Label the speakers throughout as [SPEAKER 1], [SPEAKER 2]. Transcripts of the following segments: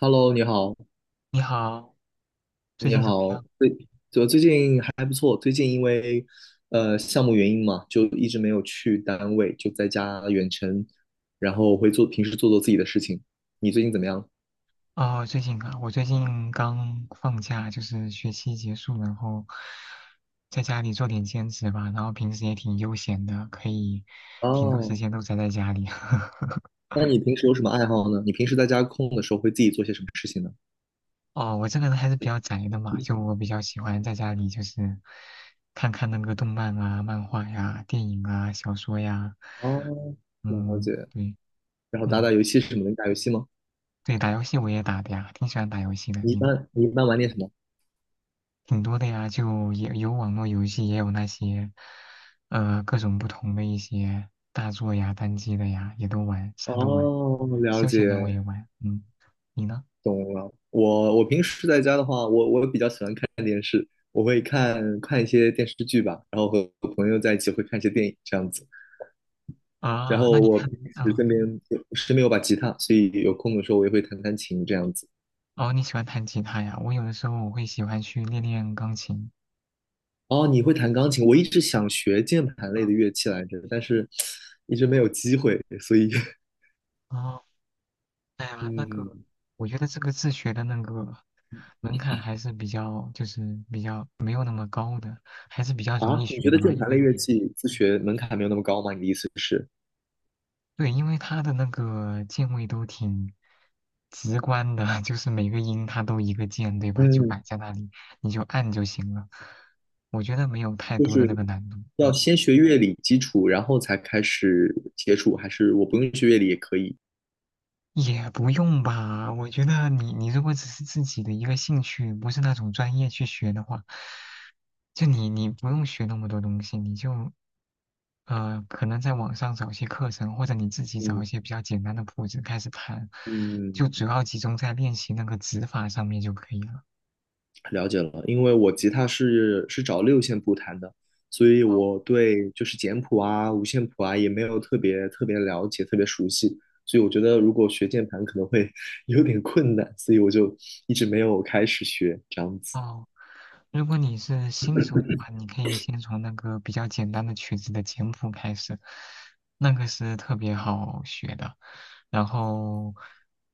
[SPEAKER 1] Hello，你好，
[SPEAKER 2] 你好，最
[SPEAKER 1] 你
[SPEAKER 2] 近怎么
[SPEAKER 1] 好，
[SPEAKER 2] 样？
[SPEAKER 1] 就最近还不错，最近因为项目原因嘛，就一直没有去单位，就在家远程，然后会做平时做自己的事情。你最近怎么样？
[SPEAKER 2] 哦，最近啊，我最近刚放假，就是学期结束，然后在家里做点兼职吧，然后平时也挺悠闲的，可以挺多时
[SPEAKER 1] 哦，
[SPEAKER 2] 间都宅在家里。
[SPEAKER 1] 那你平时有什么爱好呢？你平时在家空的时候会自己做些什么事情呢？
[SPEAKER 2] 哦，我这个人还是比较宅的嘛，就我比较喜欢在家里就是看看那个动漫啊、漫画呀、电影啊、小说呀，
[SPEAKER 1] 哦，了解。
[SPEAKER 2] 嗯，对，
[SPEAKER 1] 然后打打
[SPEAKER 2] 嗯，
[SPEAKER 1] 游戏什么的，你打游戏吗？
[SPEAKER 2] 对，打游戏我也打的呀，挺喜欢打游戏的。
[SPEAKER 1] 你一
[SPEAKER 2] 你呢？
[SPEAKER 1] 般你一般玩点什么？
[SPEAKER 2] 挺多的呀，就也有网络游戏，也有那些，各种不同的一些大作呀、单机的呀，也都玩，啥都玩。
[SPEAKER 1] 哦，了
[SPEAKER 2] 休
[SPEAKER 1] 解。
[SPEAKER 2] 闲的我也玩，嗯，你呢？
[SPEAKER 1] 懂了。我平时在家的话，我比较喜欢看电视，我会看看一些电视剧吧，然后和朋友在一起会看一些电影这样子。然
[SPEAKER 2] 啊，
[SPEAKER 1] 后
[SPEAKER 2] 那你
[SPEAKER 1] 我
[SPEAKER 2] 看，
[SPEAKER 1] 平时
[SPEAKER 2] 啊，
[SPEAKER 1] 身边有把吉他，所以有空的时候我也会弹弹琴这样子。
[SPEAKER 2] 哦，你喜欢弹吉他呀？我有的时候我会喜欢去练练钢琴。
[SPEAKER 1] 哦，你会弹钢琴？我一直想学键盘类的
[SPEAKER 2] 啊，
[SPEAKER 1] 乐器来着，但是一直没有机会，所以
[SPEAKER 2] 哦，哎呀，那
[SPEAKER 1] 嗯。
[SPEAKER 2] 个，我觉得这个自学的那个门槛还是比较，就是比较没有那么高的，还是比较容
[SPEAKER 1] 啊，
[SPEAKER 2] 易
[SPEAKER 1] 你
[SPEAKER 2] 学
[SPEAKER 1] 觉得
[SPEAKER 2] 的吧，
[SPEAKER 1] 键
[SPEAKER 2] 因
[SPEAKER 1] 盘类
[SPEAKER 2] 为。
[SPEAKER 1] 乐器自学门槛没有那么高吗？你的意思是？
[SPEAKER 2] 对，因为它的那个键位都挺直观的，就是每个音它都一个键，对吧？就
[SPEAKER 1] 嗯。
[SPEAKER 2] 摆在那里，你就按就行了。我觉得没有太多的那个难度，
[SPEAKER 1] 要
[SPEAKER 2] 嗯，
[SPEAKER 1] 先学乐理基础，然后才开始接触，还是我不用学乐理也可以？
[SPEAKER 2] 也不用吧。我觉得你如果只是自己的一个兴趣，不是那种专业去学的话，就你不用学那么多东西，你就可能在网上找一些课程，或者你自己找
[SPEAKER 1] 嗯。
[SPEAKER 2] 一些比较简单的谱子开始弹，
[SPEAKER 1] 嗯，
[SPEAKER 2] 就主要集中在练习那个指法上面就可以了。
[SPEAKER 1] 了解了，因为我吉他是找六线谱弹的，所以
[SPEAKER 2] 哦，
[SPEAKER 1] 我对就是简谱啊、五线谱啊也没有特别了解、特别熟悉，所以我觉得如果学键盘可能会 有点困难，所以我就一直没有开始学这样子。
[SPEAKER 2] 哦，如果你是新手的话，你可以先从那个比较简单的曲子的简谱开始，那个是特别好学的。然后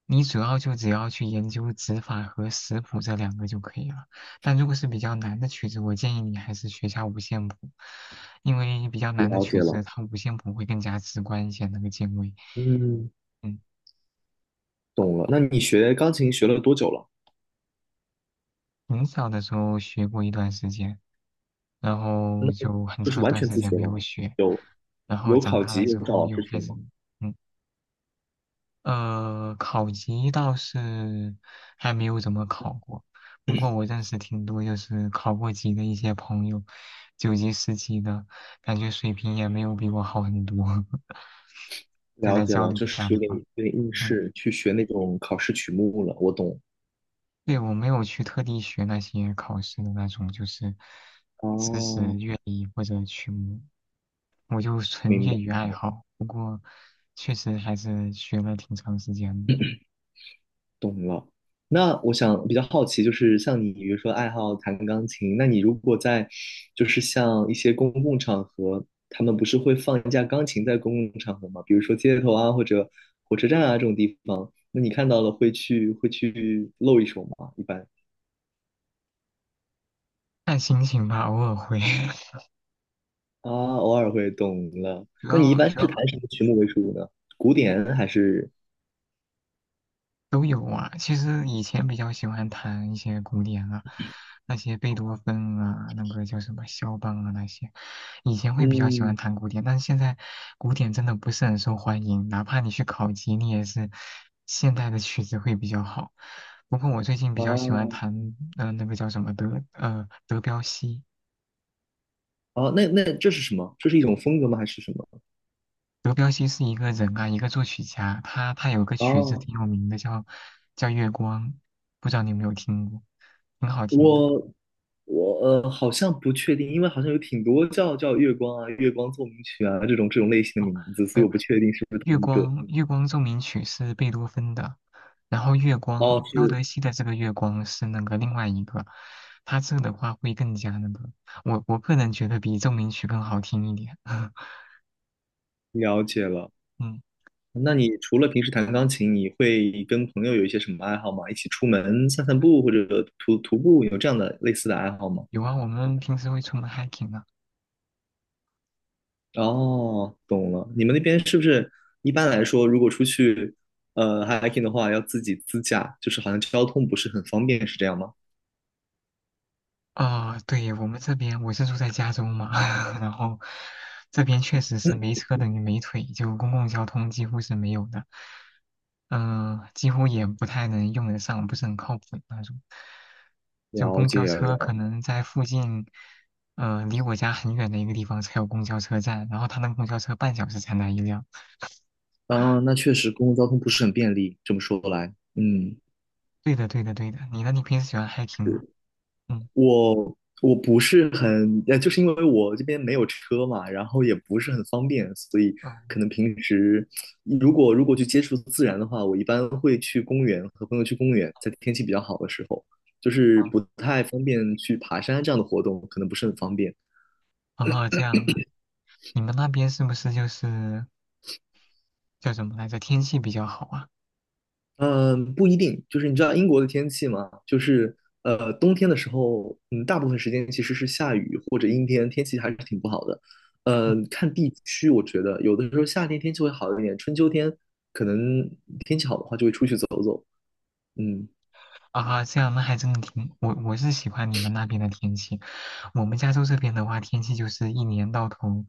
[SPEAKER 2] 你主要就只要去研究指法和食谱这两个就可以了。但如果是比较难的曲子，我建议你还是学下五线谱，因为比较难的
[SPEAKER 1] 了解
[SPEAKER 2] 曲子
[SPEAKER 1] 了，
[SPEAKER 2] 它五线谱会更加直观一些那个键位。
[SPEAKER 1] 嗯，
[SPEAKER 2] 嗯。
[SPEAKER 1] 懂了。那你学钢琴学了多久了？
[SPEAKER 2] 很小的时候学过一段时间，然后就很
[SPEAKER 1] 就是
[SPEAKER 2] 长一
[SPEAKER 1] 完
[SPEAKER 2] 段
[SPEAKER 1] 全
[SPEAKER 2] 时
[SPEAKER 1] 自
[SPEAKER 2] 间
[SPEAKER 1] 学
[SPEAKER 2] 没有
[SPEAKER 1] 了，
[SPEAKER 2] 学，
[SPEAKER 1] 有
[SPEAKER 2] 然后
[SPEAKER 1] 有
[SPEAKER 2] 长
[SPEAKER 1] 考
[SPEAKER 2] 大
[SPEAKER 1] 级，
[SPEAKER 2] 了
[SPEAKER 1] 有
[SPEAKER 2] 之
[SPEAKER 1] 找
[SPEAKER 2] 后
[SPEAKER 1] 老
[SPEAKER 2] 又
[SPEAKER 1] 师学
[SPEAKER 2] 开始，
[SPEAKER 1] 吗？
[SPEAKER 2] 嗯，考级倒是还没有怎么考过，不过我认识挺多就是考过级的一些朋友，九级、十级的，感觉水平也没有比我好很多，就
[SPEAKER 1] 了
[SPEAKER 2] 在
[SPEAKER 1] 解
[SPEAKER 2] 交
[SPEAKER 1] 了，
[SPEAKER 2] 流
[SPEAKER 1] 就
[SPEAKER 2] 一下
[SPEAKER 1] 是
[SPEAKER 2] 的
[SPEAKER 1] 有点
[SPEAKER 2] 话，
[SPEAKER 1] 有点应
[SPEAKER 2] 嗯。
[SPEAKER 1] 试去学那种考试曲目了，我懂。
[SPEAKER 2] 对，我没有去特地学那些考试的那种，就是知识、
[SPEAKER 1] 哦，
[SPEAKER 2] 乐理或者曲目，我就纯
[SPEAKER 1] 明
[SPEAKER 2] 业
[SPEAKER 1] 白，
[SPEAKER 2] 余爱好。不过，确实还是学了挺长时间的，
[SPEAKER 1] 懂了。那我想比较好奇，就是像你，比如说爱好弹钢琴，那你如果在，就是像一些公共场合，他们不是会放一架钢琴在公共场合吗？比如说街头啊，或者火车站啊这种地方，那你看到了会去露一手吗？一般？
[SPEAKER 2] 看心情吧，偶尔会。
[SPEAKER 1] 啊，偶尔会懂了。
[SPEAKER 2] 主
[SPEAKER 1] 那你一
[SPEAKER 2] 要
[SPEAKER 1] 般
[SPEAKER 2] 主
[SPEAKER 1] 是
[SPEAKER 2] 要
[SPEAKER 1] 弹什么曲目为主呢？古典还是？
[SPEAKER 2] 都有啊。其实以前比较喜欢弹一些古典啊，那些贝多芬啊，那个叫什么肖邦啊那些，以前会比较喜欢
[SPEAKER 1] 嗯。
[SPEAKER 2] 弹古典，但是现在古典真的不是很受欢迎，哪怕你去考级，你也是现代的曲子会比较好。不过我最近比
[SPEAKER 1] 啊。
[SPEAKER 2] 较喜欢弹，那个叫什么德彪西。
[SPEAKER 1] 啊？那这是什么？这是一种风格吗？还是什么？
[SPEAKER 2] 德彪西是一个人啊，一个作曲家，他有个曲子
[SPEAKER 1] 啊，
[SPEAKER 2] 挺有名的，叫《月光》，不知道你有没有听过，挺好听的。
[SPEAKER 1] 我我好像不确定，因为好像有挺多叫月光啊、月光奏鸣曲啊这种类型
[SPEAKER 2] 哦，
[SPEAKER 1] 的名字，
[SPEAKER 2] 没
[SPEAKER 1] 所以
[SPEAKER 2] 有，
[SPEAKER 1] 我不确定是不是
[SPEAKER 2] 月
[SPEAKER 1] 同一个。
[SPEAKER 2] 光月光奏鸣曲是贝多芬的，然后月光
[SPEAKER 1] 哦，
[SPEAKER 2] 彪
[SPEAKER 1] 是
[SPEAKER 2] 德西的这个月光是那个另外一个，他这个的话会更加那个，我个人觉得比奏鸣曲更好听一点。
[SPEAKER 1] 了解了。
[SPEAKER 2] 嗯，
[SPEAKER 1] 那你除了平时弹钢琴，你会跟朋友有一些什么爱好吗？一起出门散散步，或者徒步，有这样的类似的爱好吗？
[SPEAKER 2] 有啊，我们平时会出门 hiking 啊。
[SPEAKER 1] 哦，懂了。你们那边是不是一般来说，如果出去hiking 的话，要自己自驾，就是好像交通不是很方便，是这样吗？
[SPEAKER 2] 啊、对，我们这边我是住在加州嘛，然后这边确实是没车等于没腿，就公共交通几乎是没有的，嗯、几乎也不太能用得上，不是很靠谱的那种。就
[SPEAKER 1] 了
[SPEAKER 2] 公交
[SPEAKER 1] 解了。
[SPEAKER 2] 车可能在附近，离我家很远的一个地方才有公交车站，然后他那个公交车半小时才来一辆。
[SPEAKER 1] 啊，那确实公共交通不是很便利，这么说来，嗯。
[SPEAKER 2] 对的，对的，对的。你呢？你平时喜欢 hiking 吗？嗯，
[SPEAKER 1] 我我不是很，就是因为我这边没有车嘛，然后也不是很方便，所以
[SPEAKER 2] 哦，
[SPEAKER 1] 可能平时如果去接触自然的话，我一般会去公园，和朋友去公园，在天气比较好的时候，就是
[SPEAKER 2] 哦，
[SPEAKER 1] 不太方便去爬山这样的活动，可能不是很方便。
[SPEAKER 2] 哦，这样啊。你们那边是不是就是叫什么来着？天气比较好啊。
[SPEAKER 1] 嗯，不一定，就是你知道英国的天气吗？就是冬天的时候，嗯，大部分时间其实是下雨或者阴天，天气还是挺不好的。
[SPEAKER 2] 嗯
[SPEAKER 1] 呃，看地区，我觉得有的时候夏天天气会好一点，春秋天可能天气好的话就会出去走走。嗯。
[SPEAKER 2] 啊，这样那还真的挺，我是喜欢你们那边的天气。我们加州这边的话，天气就是一年到头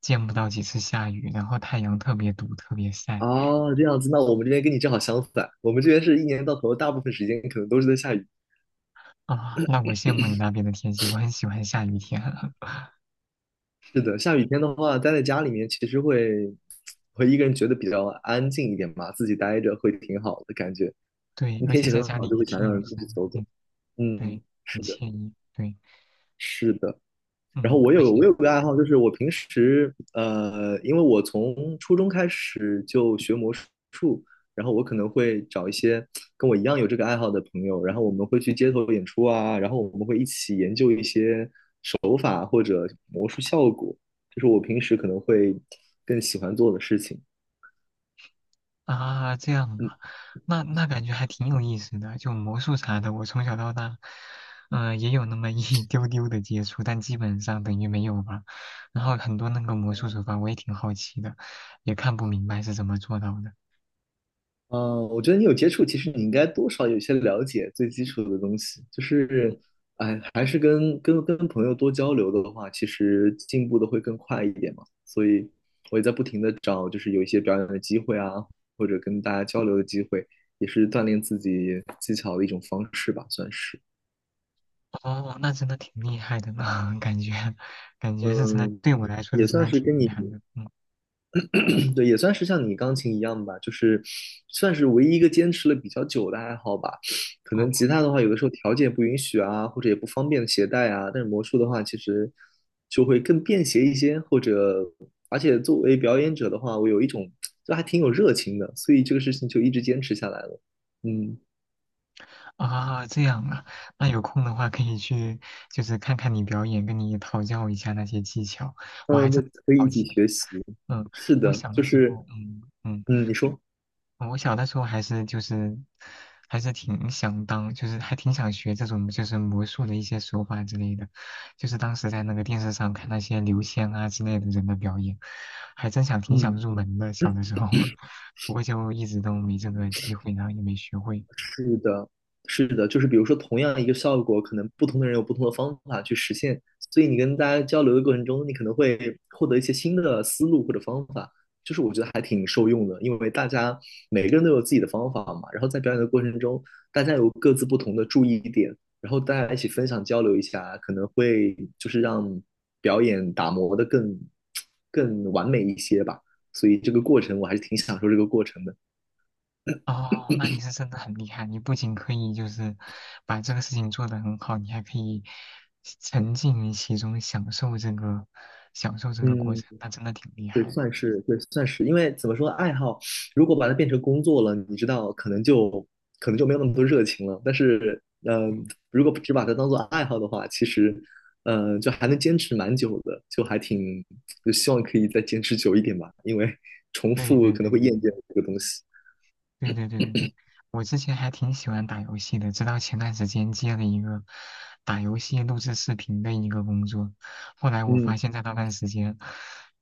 [SPEAKER 2] 见不到几次下雨，然后太阳特别毒，特别晒
[SPEAKER 1] 哦，这样子，那我们这边跟你正好相反，我们这边是一年到头大部分时间可能都是在下雨。
[SPEAKER 2] 啊。那我羡慕你那边的天气，我很喜欢下雨天。
[SPEAKER 1] 是的，下雨天的话，待在家里面其实会一个人觉得比较安静一点吧，自己待着会挺好的感觉。
[SPEAKER 2] 对，
[SPEAKER 1] 那
[SPEAKER 2] 而
[SPEAKER 1] 天
[SPEAKER 2] 且
[SPEAKER 1] 气
[SPEAKER 2] 在
[SPEAKER 1] 很
[SPEAKER 2] 家
[SPEAKER 1] 好，
[SPEAKER 2] 里
[SPEAKER 1] 就
[SPEAKER 2] 一
[SPEAKER 1] 会想
[SPEAKER 2] 听
[SPEAKER 1] 让人
[SPEAKER 2] 雨
[SPEAKER 1] 出
[SPEAKER 2] 声，
[SPEAKER 1] 去走走。
[SPEAKER 2] 嗯，
[SPEAKER 1] 嗯，
[SPEAKER 2] 对，很
[SPEAKER 1] 是的，
[SPEAKER 2] 惬意。对，
[SPEAKER 1] 是的。然后
[SPEAKER 2] 嗯，
[SPEAKER 1] 我
[SPEAKER 2] 而
[SPEAKER 1] 有我
[SPEAKER 2] 且
[SPEAKER 1] 有个爱好，就是我平时因为我从初中开始就学魔术，然后我可能会找一些跟我一样有这个爱好的朋友，然后我们会去街头演出啊，然后我们会一起研究一些手法或者魔术效果，这是我平时可能会更喜欢做的事情。
[SPEAKER 2] 啊，这样
[SPEAKER 1] 嗯。
[SPEAKER 2] 啊，那感觉还挺有意思的。就魔术啥的，我从小到大，嗯、也有那么一 丢丢的接触，但基本上等于没有吧。然后很多那个魔术手法，我也挺好奇的，也看不明白是怎么做到的。
[SPEAKER 1] 呃，我觉得你有接触，其实你应该多少有些了解最基础的东西。就是，哎，还是跟朋友多交流的话，其实进步的会更快一点嘛。所以我也在不停的找，就是有一些表演的机会啊，或者跟大家交流的机会，也是锻炼自己技巧的一种方式吧，算是。
[SPEAKER 2] 哦，那真的挺厉害的呢，感觉是真的，
[SPEAKER 1] 嗯，
[SPEAKER 2] 对我来说是
[SPEAKER 1] 也
[SPEAKER 2] 真
[SPEAKER 1] 算
[SPEAKER 2] 的
[SPEAKER 1] 是
[SPEAKER 2] 挺
[SPEAKER 1] 跟
[SPEAKER 2] 厉
[SPEAKER 1] 你。
[SPEAKER 2] 害的。嗯，
[SPEAKER 1] 对，也算是像你钢琴一样吧，就是算是唯一一个坚持了比较久的爱好吧。可能
[SPEAKER 2] 哦，
[SPEAKER 1] 吉他的话，有的时候条件不允许啊，或者也不方便携带啊。但是魔术的话，其实就会更便携一些，或者而且作为表演者的话，我有一种就还挺有热情的，所以这个事情就一直坚持下来了。嗯。
[SPEAKER 2] 啊，这样啊，那有空的话可以去，就是看看你表演，跟你讨教一下那些技巧，我还
[SPEAKER 1] 嗯，
[SPEAKER 2] 真
[SPEAKER 1] 那
[SPEAKER 2] 挺
[SPEAKER 1] 可以
[SPEAKER 2] 好
[SPEAKER 1] 一起
[SPEAKER 2] 奇的。
[SPEAKER 1] 学习。
[SPEAKER 2] 嗯，
[SPEAKER 1] 是
[SPEAKER 2] 我
[SPEAKER 1] 的，
[SPEAKER 2] 小
[SPEAKER 1] 就
[SPEAKER 2] 的时
[SPEAKER 1] 是
[SPEAKER 2] 候，
[SPEAKER 1] 嗯，你说
[SPEAKER 2] 嗯我小的时候还是就是挺想当，就是还挺想学这种就是魔术的一些手法之类的，就是当时在那个电视上看那些刘谦啊之类的人的表演，还挺想
[SPEAKER 1] 嗯。
[SPEAKER 2] 入门的，小的时候，不过就一直都没这个机会，然后也没学会。
[SPEAKER 1] 是的，是的，就是比如说同样一个效果，可能不同的人有不同的方法去实现，所以你跟大家交流的过程中，你可能会获得一些新的思路或者方法，就是我觉得还挺受用的，因为大家每个人都有自己的方法嘛，然后在表演的过程中，大家有各自不同的注意点，然后大家一起分享交流一下，可能会就是让表演打磨的更完美一些吧，所以这个过程我还是挺享受这个过程的，
[SPEAKER 2] 哦，那你是真的很厉害，你不仅可以就是把这个事情做得很好，你还可以沉浸于其中，享受这个过
[SPEAKER 1] 嗯。
[SPEAKER 2] 程，那真的挺厉
[SPEAKER 1] 对，
[SPEAKER 2] 害的。
[SPEAKER 1] 算是对，算是，因为怎么说，爱好如果把它变成工作了，你知道，可能就没有那么多热情了。但是，嗯，
[SPEAKER 2] 嗯，
[SPEAKER 1] 如果只把它当做爱好的话，其实，嗯，就还能坚持蛮久的，就还挺，就希望可以再坚持久一点吧，因为 重
[SPEAKER 2] 对
[SPEAKER 1] 复
[SPEAKER 2] 对
[SPEAKER 1] 可
[SPEAKER 2] 对
[SPEAKER 1] 能
[SPEAKER 2] 对
[SPEAKER 1] 会厌倦这个东西。
[SPEAKER 2] 对对对对对对，我之前还挺喜欢打游戏的，直到前段时间接了一个打游戏录制视频的一个工作，后来我发
[SPEAKER 1] 嗯，
[SPEAKER 2] 现，在那段时间，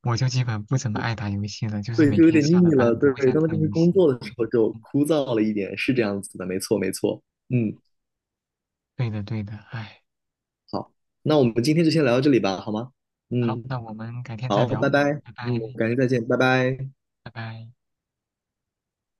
[SPEAKER 2] 我就基本不怎么爱打游戏了，就是
[SPEAKER 1] 对，
[SPEAKER 2] 每
[SPEAKER 1] 就有
[SPEAKER 2] 天
[SPEAKER 1] 点
[SPEAKER 2] 下了
[SPEAKER 1] 腻了。
[SPEAKER 2] 班不
[SPEAKER 1] 对，
[SPEAKER 2] 会再
[SPEAKER 1] 当它
[SPEAKER 2] 碰
[SPEAKER 1] 变成
[SPEAKER 2] 游
[SPEAKER 1] 工
[SPEAKER 2] 戏。
[SPEAKER 1] 作的时候，就
[SPEAKER 2] 嗯，
[SPEAKER 1] 枯燥了一点，是这样子的，没错，没错。嗯，
[SPEAKER 2] 对的对的，唉。
[SPEAKER 1] 好，那我们今天就先聊到这里吧，好吗？
[SPEAKER 2] 好，
[SPEAKER 1] 嗯。
[SPEAKER 2] 那我们改天再
[SPEAKER 1] 好，
[SPEAKER 2] 聊，
[SPEAKER 1] 拜
[SPEAKER 2] 嗯，
[SPEAKER 1] 拜，
[SPEAKER 2] 拜
[SPEAKER 1] 嗯，
[SPEAKER 2] 拜，
[SPEAKER 1] 改天再见，拜拜。
[SPEAKER 2] 拜拜。